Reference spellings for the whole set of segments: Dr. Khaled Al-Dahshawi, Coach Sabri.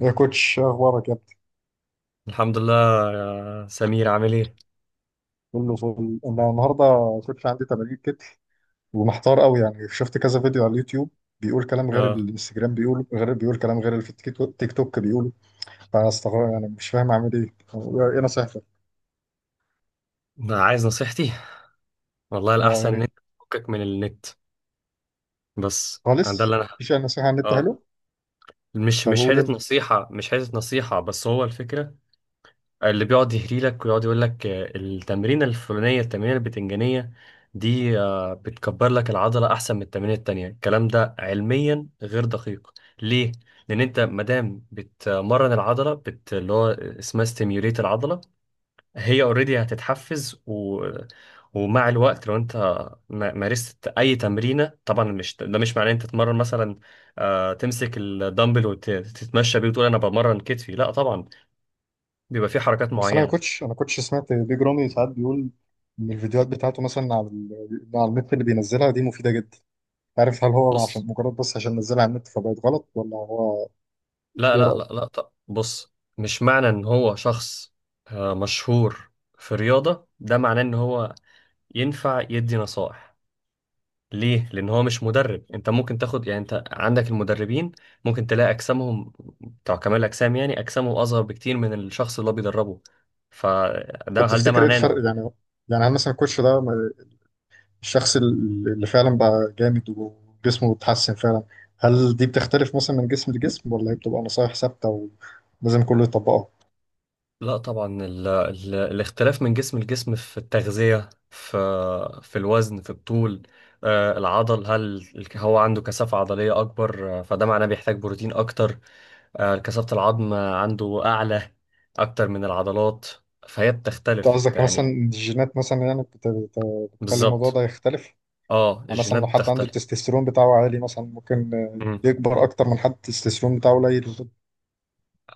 يا كوتش، إيه اخبارك يا ابني؟ الحمد لله. يا سمير، عامل ايه؟ كله فل. انا النهارده كوتش عندي تمارين كتف، ومحتار قوي، يعني شفت كذا فيديو على اليوتيوب بيقول كلام غير اه. الانستجرام، بيقول غير، كلام غير اللي في التيك توك تيك توك بيقوله. فانا استغرب، يعني مش فاهم اعمل ايه. ايه نصيحتك؟ ما عايز نصيحتي. والله اه، الأحسن يا إن ريت. أنت تفكك من النت. بس ده خالص اللي أنا. مفيش اي نصيحه عن النت؟ اه. حلو. مش طب مش قول حتة انت. نصيحة، مش حتة نصيحة، بس هو الفكرة. اللي بيقعد يهري لك ويقعد يقول لك التمرينة الفلانية، التمرينة البتنجانية دي بتكبر لك العضلة أحسن من التمرينة التانية، الكلام ده علميا غير دقيق. ليه؟ لأن أنت مادام بتمرن العضلة، اللي هو اسمها ستيميوليت العضلة، هي اوريدي هتتحفز ومع الوقت. لو انت مارست اي تمرينه، طبعا مش، ده مش معناه انت تتمرن مثلا تمسك الدمبل وتتمشى بيه وتقول انا بمرن كتفي. لا طبعا، بيبقى في حركات بس انا يا معينه. كوتش، انا سمعت بيج رامي ساعات بيقول ان الفيديوهات بتاعته مثلا على على النت اللي بينزلها دي مفيده جدا. عارف، هل هو بص، عشان مجرد، بس عشان نزلها على النت فبقت غلط، ولا هو لا لا لا ايه؟ لا. طب بص، مش معنى ان هو شخص مشهور في رياضه ده معناه ان هو ينفع يدي نصائح. ليه؟ لأن هو مش مدرب. أنت ممكن تاخد، يعني أنت عندك المدربين، ممكن تلاقي أجسامهم بتوع كمال الأجسام، يعني أجسامهم أصغر بكتير من الشخص اللي هو بيدربه، فده طب هل ده تفتكر ايه معناه. الفرق يعني؟ يعني هل مثلا الكوتش ده، الشخص، اللي فعلا بقى جامد وجسمه اتحسن فعلا، هل دي بتختلف مثلا من جسم لجسم، ولا هي بتبقى نصايح ثابتة ولازم كله يطبقها؟ لا طبعا، الاختلاف من جسم لجسم، في التغذية، في الوزن، في الطول. العضل، هل هو عنده كثافة عضلية أكبر؟ فده معناه بيحتاج بروتين أكتر. كثافة العظم عنده أعلى أكتر من العضلات، فهي انت بتختلف قصدك مثلا يعني. إن الجينات مثلا يعني بتخلي الموضوع بالظبط. ده يختلف؟ اه، يعني مثلا الجينات لو حد عنده بتختلف. التستوستيرون بتاعه عالي، مثلا ممكن مم. يكبر أكتر من حد التستوستيرون بتاعه قليل.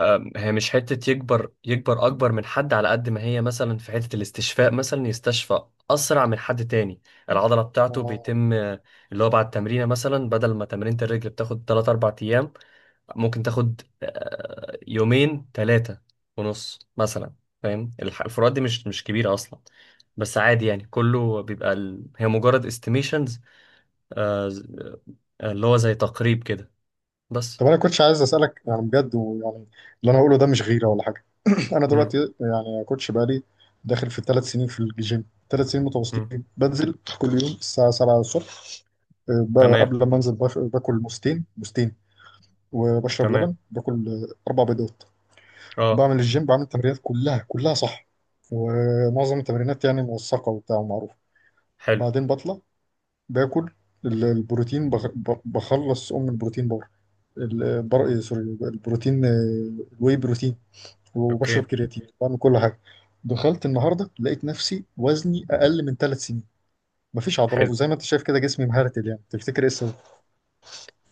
هي مش حتة يكبر، يكبر أكبر من حد، على قد ما هي مثلا في حتة الاستشفاء، مثلا يستشفى أسرع من حد تاني. العضلة بتاعته بيتم، اللي هو بعد تمرينة، مثلا بدل ما تمرينة الرجل بتاخد 3 4 أيام، ممكن تاخد يومين، 3 ونص مثلا. فاهم الفروقات دي مش كبيرة أصلا، بس عادي. يعني كله بيبقى، هي مجرد استيميشنز، اللي هو زي تقريب كده بس. طب انا كنتش عايز اسالك يعني بجد، ويعني اللي انا هقوله ده مش غيره ولا حاجه. انا دلوقتي مم. يعني يا كوتش بقالي داخل في الثلاث سنين في الجيم. ثلاث سنين مم. متواصلين بنزل كل يوم الساعه 7 الصبح. تمام. قبل ما انزل باكل موزتين موزتين، وبشرب لبن، تمام، باكل اربع بيضات. اه. بعمل الجيم، بعمل التمرينات كلها كلها صح، ومعظم التمرينات يعني موثقه وبتاع ومعروفه. حلو. بعدين بطلع، باكل البروتين، بخلص البروتين بار. البر إيه، مم. سوري البروتين الواي بروتين، وبشرب اوكي. كرياتين، بعمل كل حاجه. دخلت النهارده لقيت نفسي وزني اقل من ثلاث سنين، مفيش عضلات، حلو. وزي ما انت شايف كده جسمي مهرتل. يعني تفتكر ايه السبب؟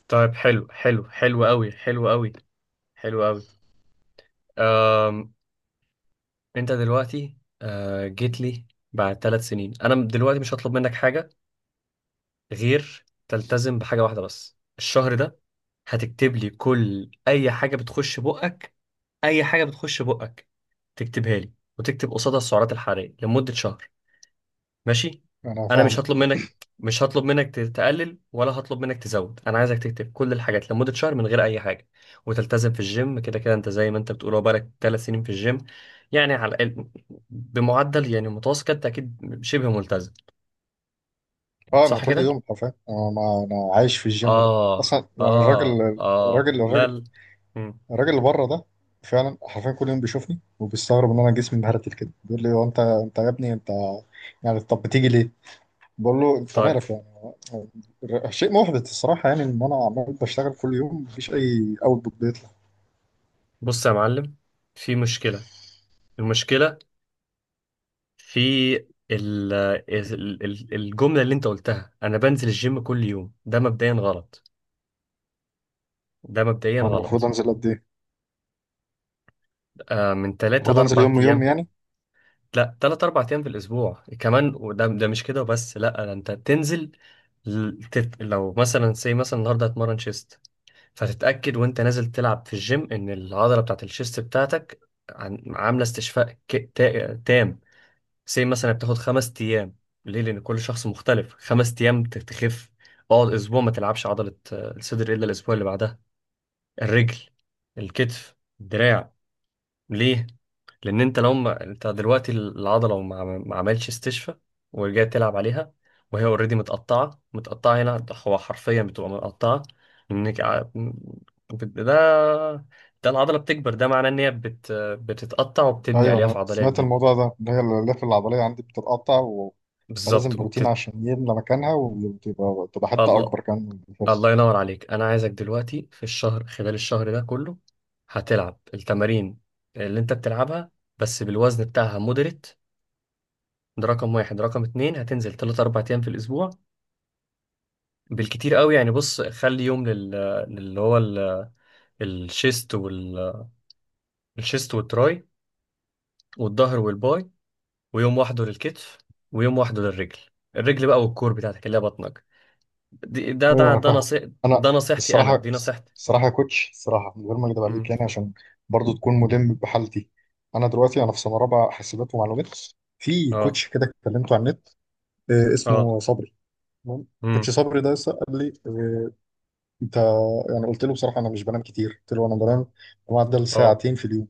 طيب حلو، حلو، حلو قوي، حلو قوي، حلو قوي. أم... انت دلوقتي جيت لي بعد 3 سنين. انا دلوقتي مش هطلب منك حاجة غير تلتزم بحاجة واحدة بس الشهر ده. هتكتب لي كل اي حاجة بتخش بقك، اي حاجة بتخش بقك تكتبها لي، وتكتب قصادها السعرات الحرارية لمدة شهر. ماشي. انا انا مش فاهمك. هطلب منك مش هطلب منك تقلل، ولا هطلب منك تزود. انا عايزك تكتب كل الحاجات لمدة شهر من غير اي حاجة، وتلتزم في الجيم كده كده. انت زي ما انت بتقول، هو بقالك 3 سنين في الجيم، يعني على الاقل بمعدل، يعني متوسط كده، انت اكيد شبه ملتزم. اه، انا صح كل كده. يوم حرفيا، انا ما انا عايش في الجيم ده اه. اصلا، يعني الراجل، اه، اه الراجل لا الراجل لا. مم. اللي بره ده فعلا حرفيا كل يوم بيشوفني وبيستغرب ان انا جسمي مهرتل كده. بيقول لي هو انت، يا ابني، انت يعني طب بتيجي ليه؟ بقول له انت طيب مالك يعني. شيء محبط الصراحه، يعني ان انا عمال بشتغل كل يوم مفيش اي اوتبوت بيطلع. بص يا معلم، في مشكلة. المشكلة في الجملة اللي انت قلتها، انا بنزل الجيم كل يوم، ده مبدئيا غلط، ده مبدئيا انا المفروض غلط. انزل قد ايه؟ من ثلاثة المفروض انزل لأربع يوم يوم أيام يعني؟ لا، 3 4 أيام في الأسبوع. كمان وده مش كده وبس. لا، ده أنت تنزل، لو مثلا، سي مثلا النهاردة هتمرن شيست، فتتأكد وأنت نازل تلعب في الجيم إن العضلة بتاعة الشيست بتاعتك عاملة استشفاء تام. سي مثلا بتاخد 5 أيام. ليه؟ لأن كل شخص مختلف. 5 أيام تخف. اقعد أسبوع ما تلعبش عضلة الصدر إلا الأسبوع اللي بعدها. الرجل، الكتف، الدراع. ليه؟ لان انت لو، ما انت دلوقتي العضله ما عملش استشفاء ورجعت تلعب عليها وهي اوريدي متقطعه متقطعه، هنا هو حرفيا بتبقى متقطعه. انك ع- ده، ده العضله بتكبر، ده معناه ان هي بتتقطع وبتبني ايوه، الياف انا عضليه سمعت جديده. الموضوع ده ان هي الالياف العضليه عندي بتتقطع، و... فلازم بالظبط بروتين عشان يملى مكانها، وتبقى حته الله، اكبر كمان من الله الاساس. ينور عليك. انا عايزك دلوقتي في الشهر، خلال الشهر ده كله، هتلعب التمارين اللي انت بتلعبها، بس بالوزن بتاعها مودريت. ده رقم واحد. رقم اتنين، هتنزل 3 4 أيام في الأسبوع بالكتير قوي. يعني بص، خلي يوم لل... للي هو ال... الشيست وال... الشيست والتراي، والظهر والباي، ويوم واحده للكتف، ويوم واحده للرجل. الرجل بقى والكور بتاعتك اللي هي بطنك. دي- ده ايوه ده انا ده فاهمك. نصيح، انا ده نصيحتي انا، الصراحه دي نصيحتي. الصراحه يا كوتش، الصراحه من غير ما م- اكدب م. عليك يعني، عشان برضو تكون ملم بحالتي. انا دلوقتي في سنه رابعه حاسبات ومعلومات. في اه. كوتش كده كلمته على النت، اه. اسمه صبري. تمام، كوتش م. صبري ده لسه قال لي، انت، يعني قلت له بصراحه انا مش بنام كتير. قلت له انا بنام معدل اه. ساعتين في اليوم،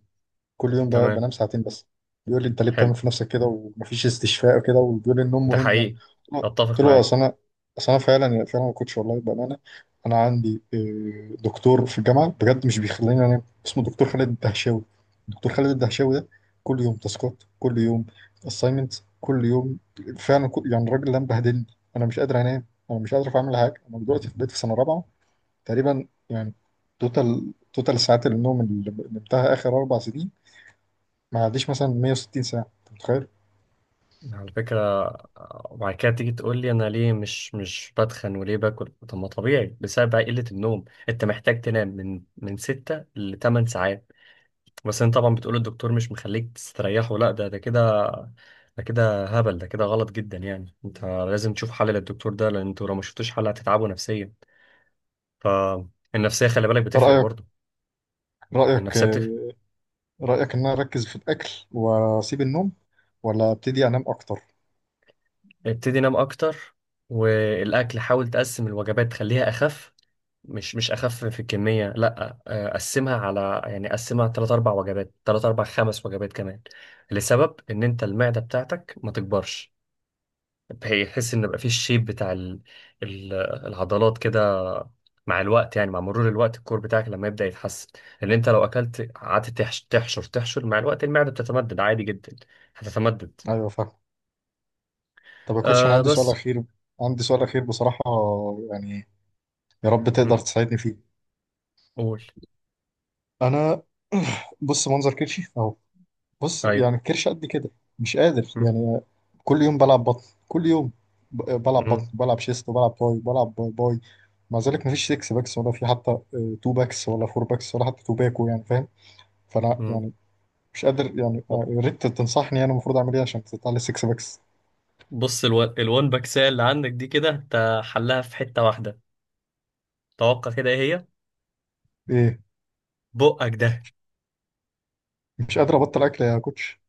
كل يوم تمام. بنام ساعتين بس. بيقول لي انت ليه بتعمل حلو. في نفسك كده ومفيش استشفاء وكده، وبيقول لي النوم ده مهم يعني. حقيقي. قلت اتفق له معاه. اصل انا فعلا يعني، فعلا ما كنتش والله بامانه. انا عندي دكتور في الجامعه بجد مش بيخليني انام، اسمه دكتور خالد الدهشاوي. دكتور خالد الدهشاوي ده كل يوم تاسكات، كل يوم اساينمنت، كل يوم. فعلا كل، يعني الراجل ده مبهدلني. انا مش قادر انام، انا مش قادر اعمل حاجه. انا دلوقتي في بيت في سنه رابعه تقريبا يعني. توتال ساعات النوم اللي نمتها اخر اربع سنين ما عنديش مثلا 160 ساعة. انت متخيل؟ على فكرة، وبعد كده تيجي تقول لي انا ليه مش بتخن وليه باكل. طب ما طبيعي، بسبب بقى قلة النوم، انت محتاج تنام من 6 ل 8 ساعات. بس انت طبعا بتقول الدكتور مش مخليك تستريح، ولا ده كده. ده كده هبل، ده كده غلط جدا. يعني انت لازم تشوف حل للدكتور ده، لان انتوا لو ما شفتوش حل هتتعبوا نفسيا. فالنفسية خلي بالك بتفرق رأيك برضه. رأيك النفسية بتفرق. رأيك ان انا اركز في الاكل واسيب النوم، ولا ابتدي انام اكتر؟ ابتدي نام اكتر، والاكل حاول تقسم الوجبات تخليها اخف. مش اخف في الكميه، لا. قسمها على يعني قسمها ثلاث اربع وجبات، ثلاث اربع خمس وجبات كمان. لسبب ان انت المعده بتاعتك ما تكبرش، هي تحس ان بقى في الشيب بتاع ال- العضلات كده. مع الوقت، يعني مع مرور الوقت الكور بتاعك لما يبدا يتحسن. لان انت لو اكلت قعدت تحشر تحشر، مع الوقت المعده بتتمدد عادي جدا، هتتمدد. ايوه فاهم. طب يا كوتش انا آه عندي سؤال بس. اخير. عندي سؤال اخير بصراحة، يعني يا رب م. تقدر تساعدني فيه. قول. انا بص منظر كرشي اهو. بص ايوه. يعني الكرش قد كده، مش قادر م. يعني. كل يوم بلعب بطن، كل يوم بلعب بطن، م. بلعب شيست، وبلعب باي، بلعب باي مع ذلك مفيش 6 باكس، ولا في حتى 2 باكس، ولا 4 باكس، ولا حتى 2 باكو، يعني فاهم؟ فانا يعني مش قادر يعني، م. يعني يا ريت تنصحني انا المفروض اعمل ايه عشان تطلع لي 6 باكس. بص، الوان باكسية اللي عندك دي كده انت حلها في حتة واحدة. توقع كده ايه هي؟ ايه، بقك ده. مش قادر ابطل اكل يا كوتش.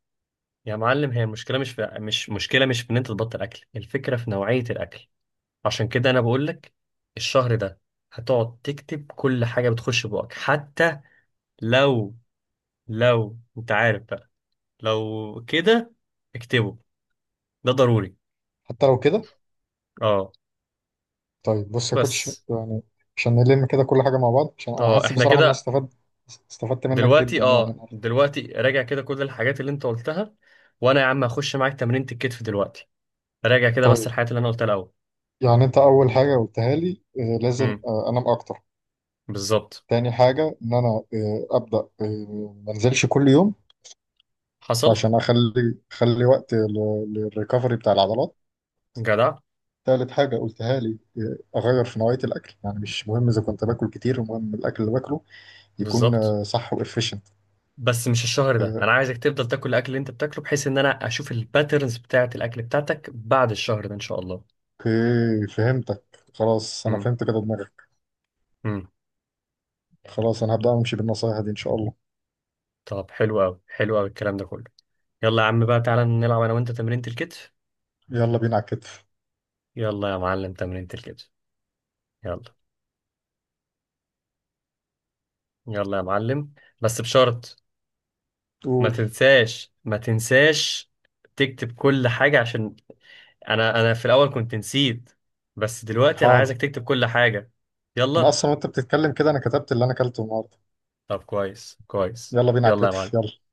يا معلم، هي المشكلة مش مشكلة، مش في ان انت تبطل اكل، الفكرة في نوعية الاكل. عشان كده انا بقول لك، الشهر ده هتقعد تكتب كل حاجة بتخش بقك. حتى لو لو انت عارف بقى، لو كده اكتبه، ده ضروري. حتى لو كده. اه. طيب بص يا كوتش بس. يعني، عشان نلم كده كل حاجه مع بعض، عشان انا اه حاسس احنا بصراحه ان انا كده. استفدت، استفدت منك دلوقتي، جدا يعني النهارده. دلوقتي راجع كده كل الحاجات اللي انت قلتها، وانا يا عم هخش معاك تمرينة الكتف دلوقتي. راجع كده بس طيب، الحاجات اللي انا قلتها الاول. يعني انت اول حاجه قلتها لي، لازم امم. انام اكتر. بالظبط. تاني حاجه ان انا ابدا، ما انزلش كل يوم، حصل. عشان اخلي وقت للريكفري بتاع العضلات. جدع. تالت حاجة قلتها لي أغير في نوعية الأكل، يعني مش مهم إذا كنت باكل كتير، المهم الأكل اللي باكله يكون بالظبط. صح وإفيشنت. بس مش الشهر ده، انا عايزك تفضل تاكل الاكل اللي انت بتاكله بحيث ان انا اشوف الباترنز بتاعه الاكل بتاعتك بعد الشهر ده ان شاء الله. أوكي فهمتك، خلاص أنا امم. فهمت كده دماغك. امم. خلاص أنا هبدأ أمشي بالنصايح دي إن شاء الله. طب حلو قوي، حلو قوي الكلام ده كله. يلا يا عم بقى، تعالى نلعب انا وانت تمرينة الكتف. يلا بينا على الكتف. يلا يا معلم، تمرينة الكتف. يلا. يلا يا معلم. بس بشرط، ما قول. تنساش، ما تنساش تكتب كل حاجة، عشان انا، في الاول كنت نسيت، بس دلوقتي انا حاضر. عايزك تكتب كل حاجة. أنا يلا. أصلا وأنت بتتكلم كده أنا كتبت اللي أنا أكلته النهاردة. طب كويس، كويس. يلا بينا على يلا يا الكتف، معلم. يلا.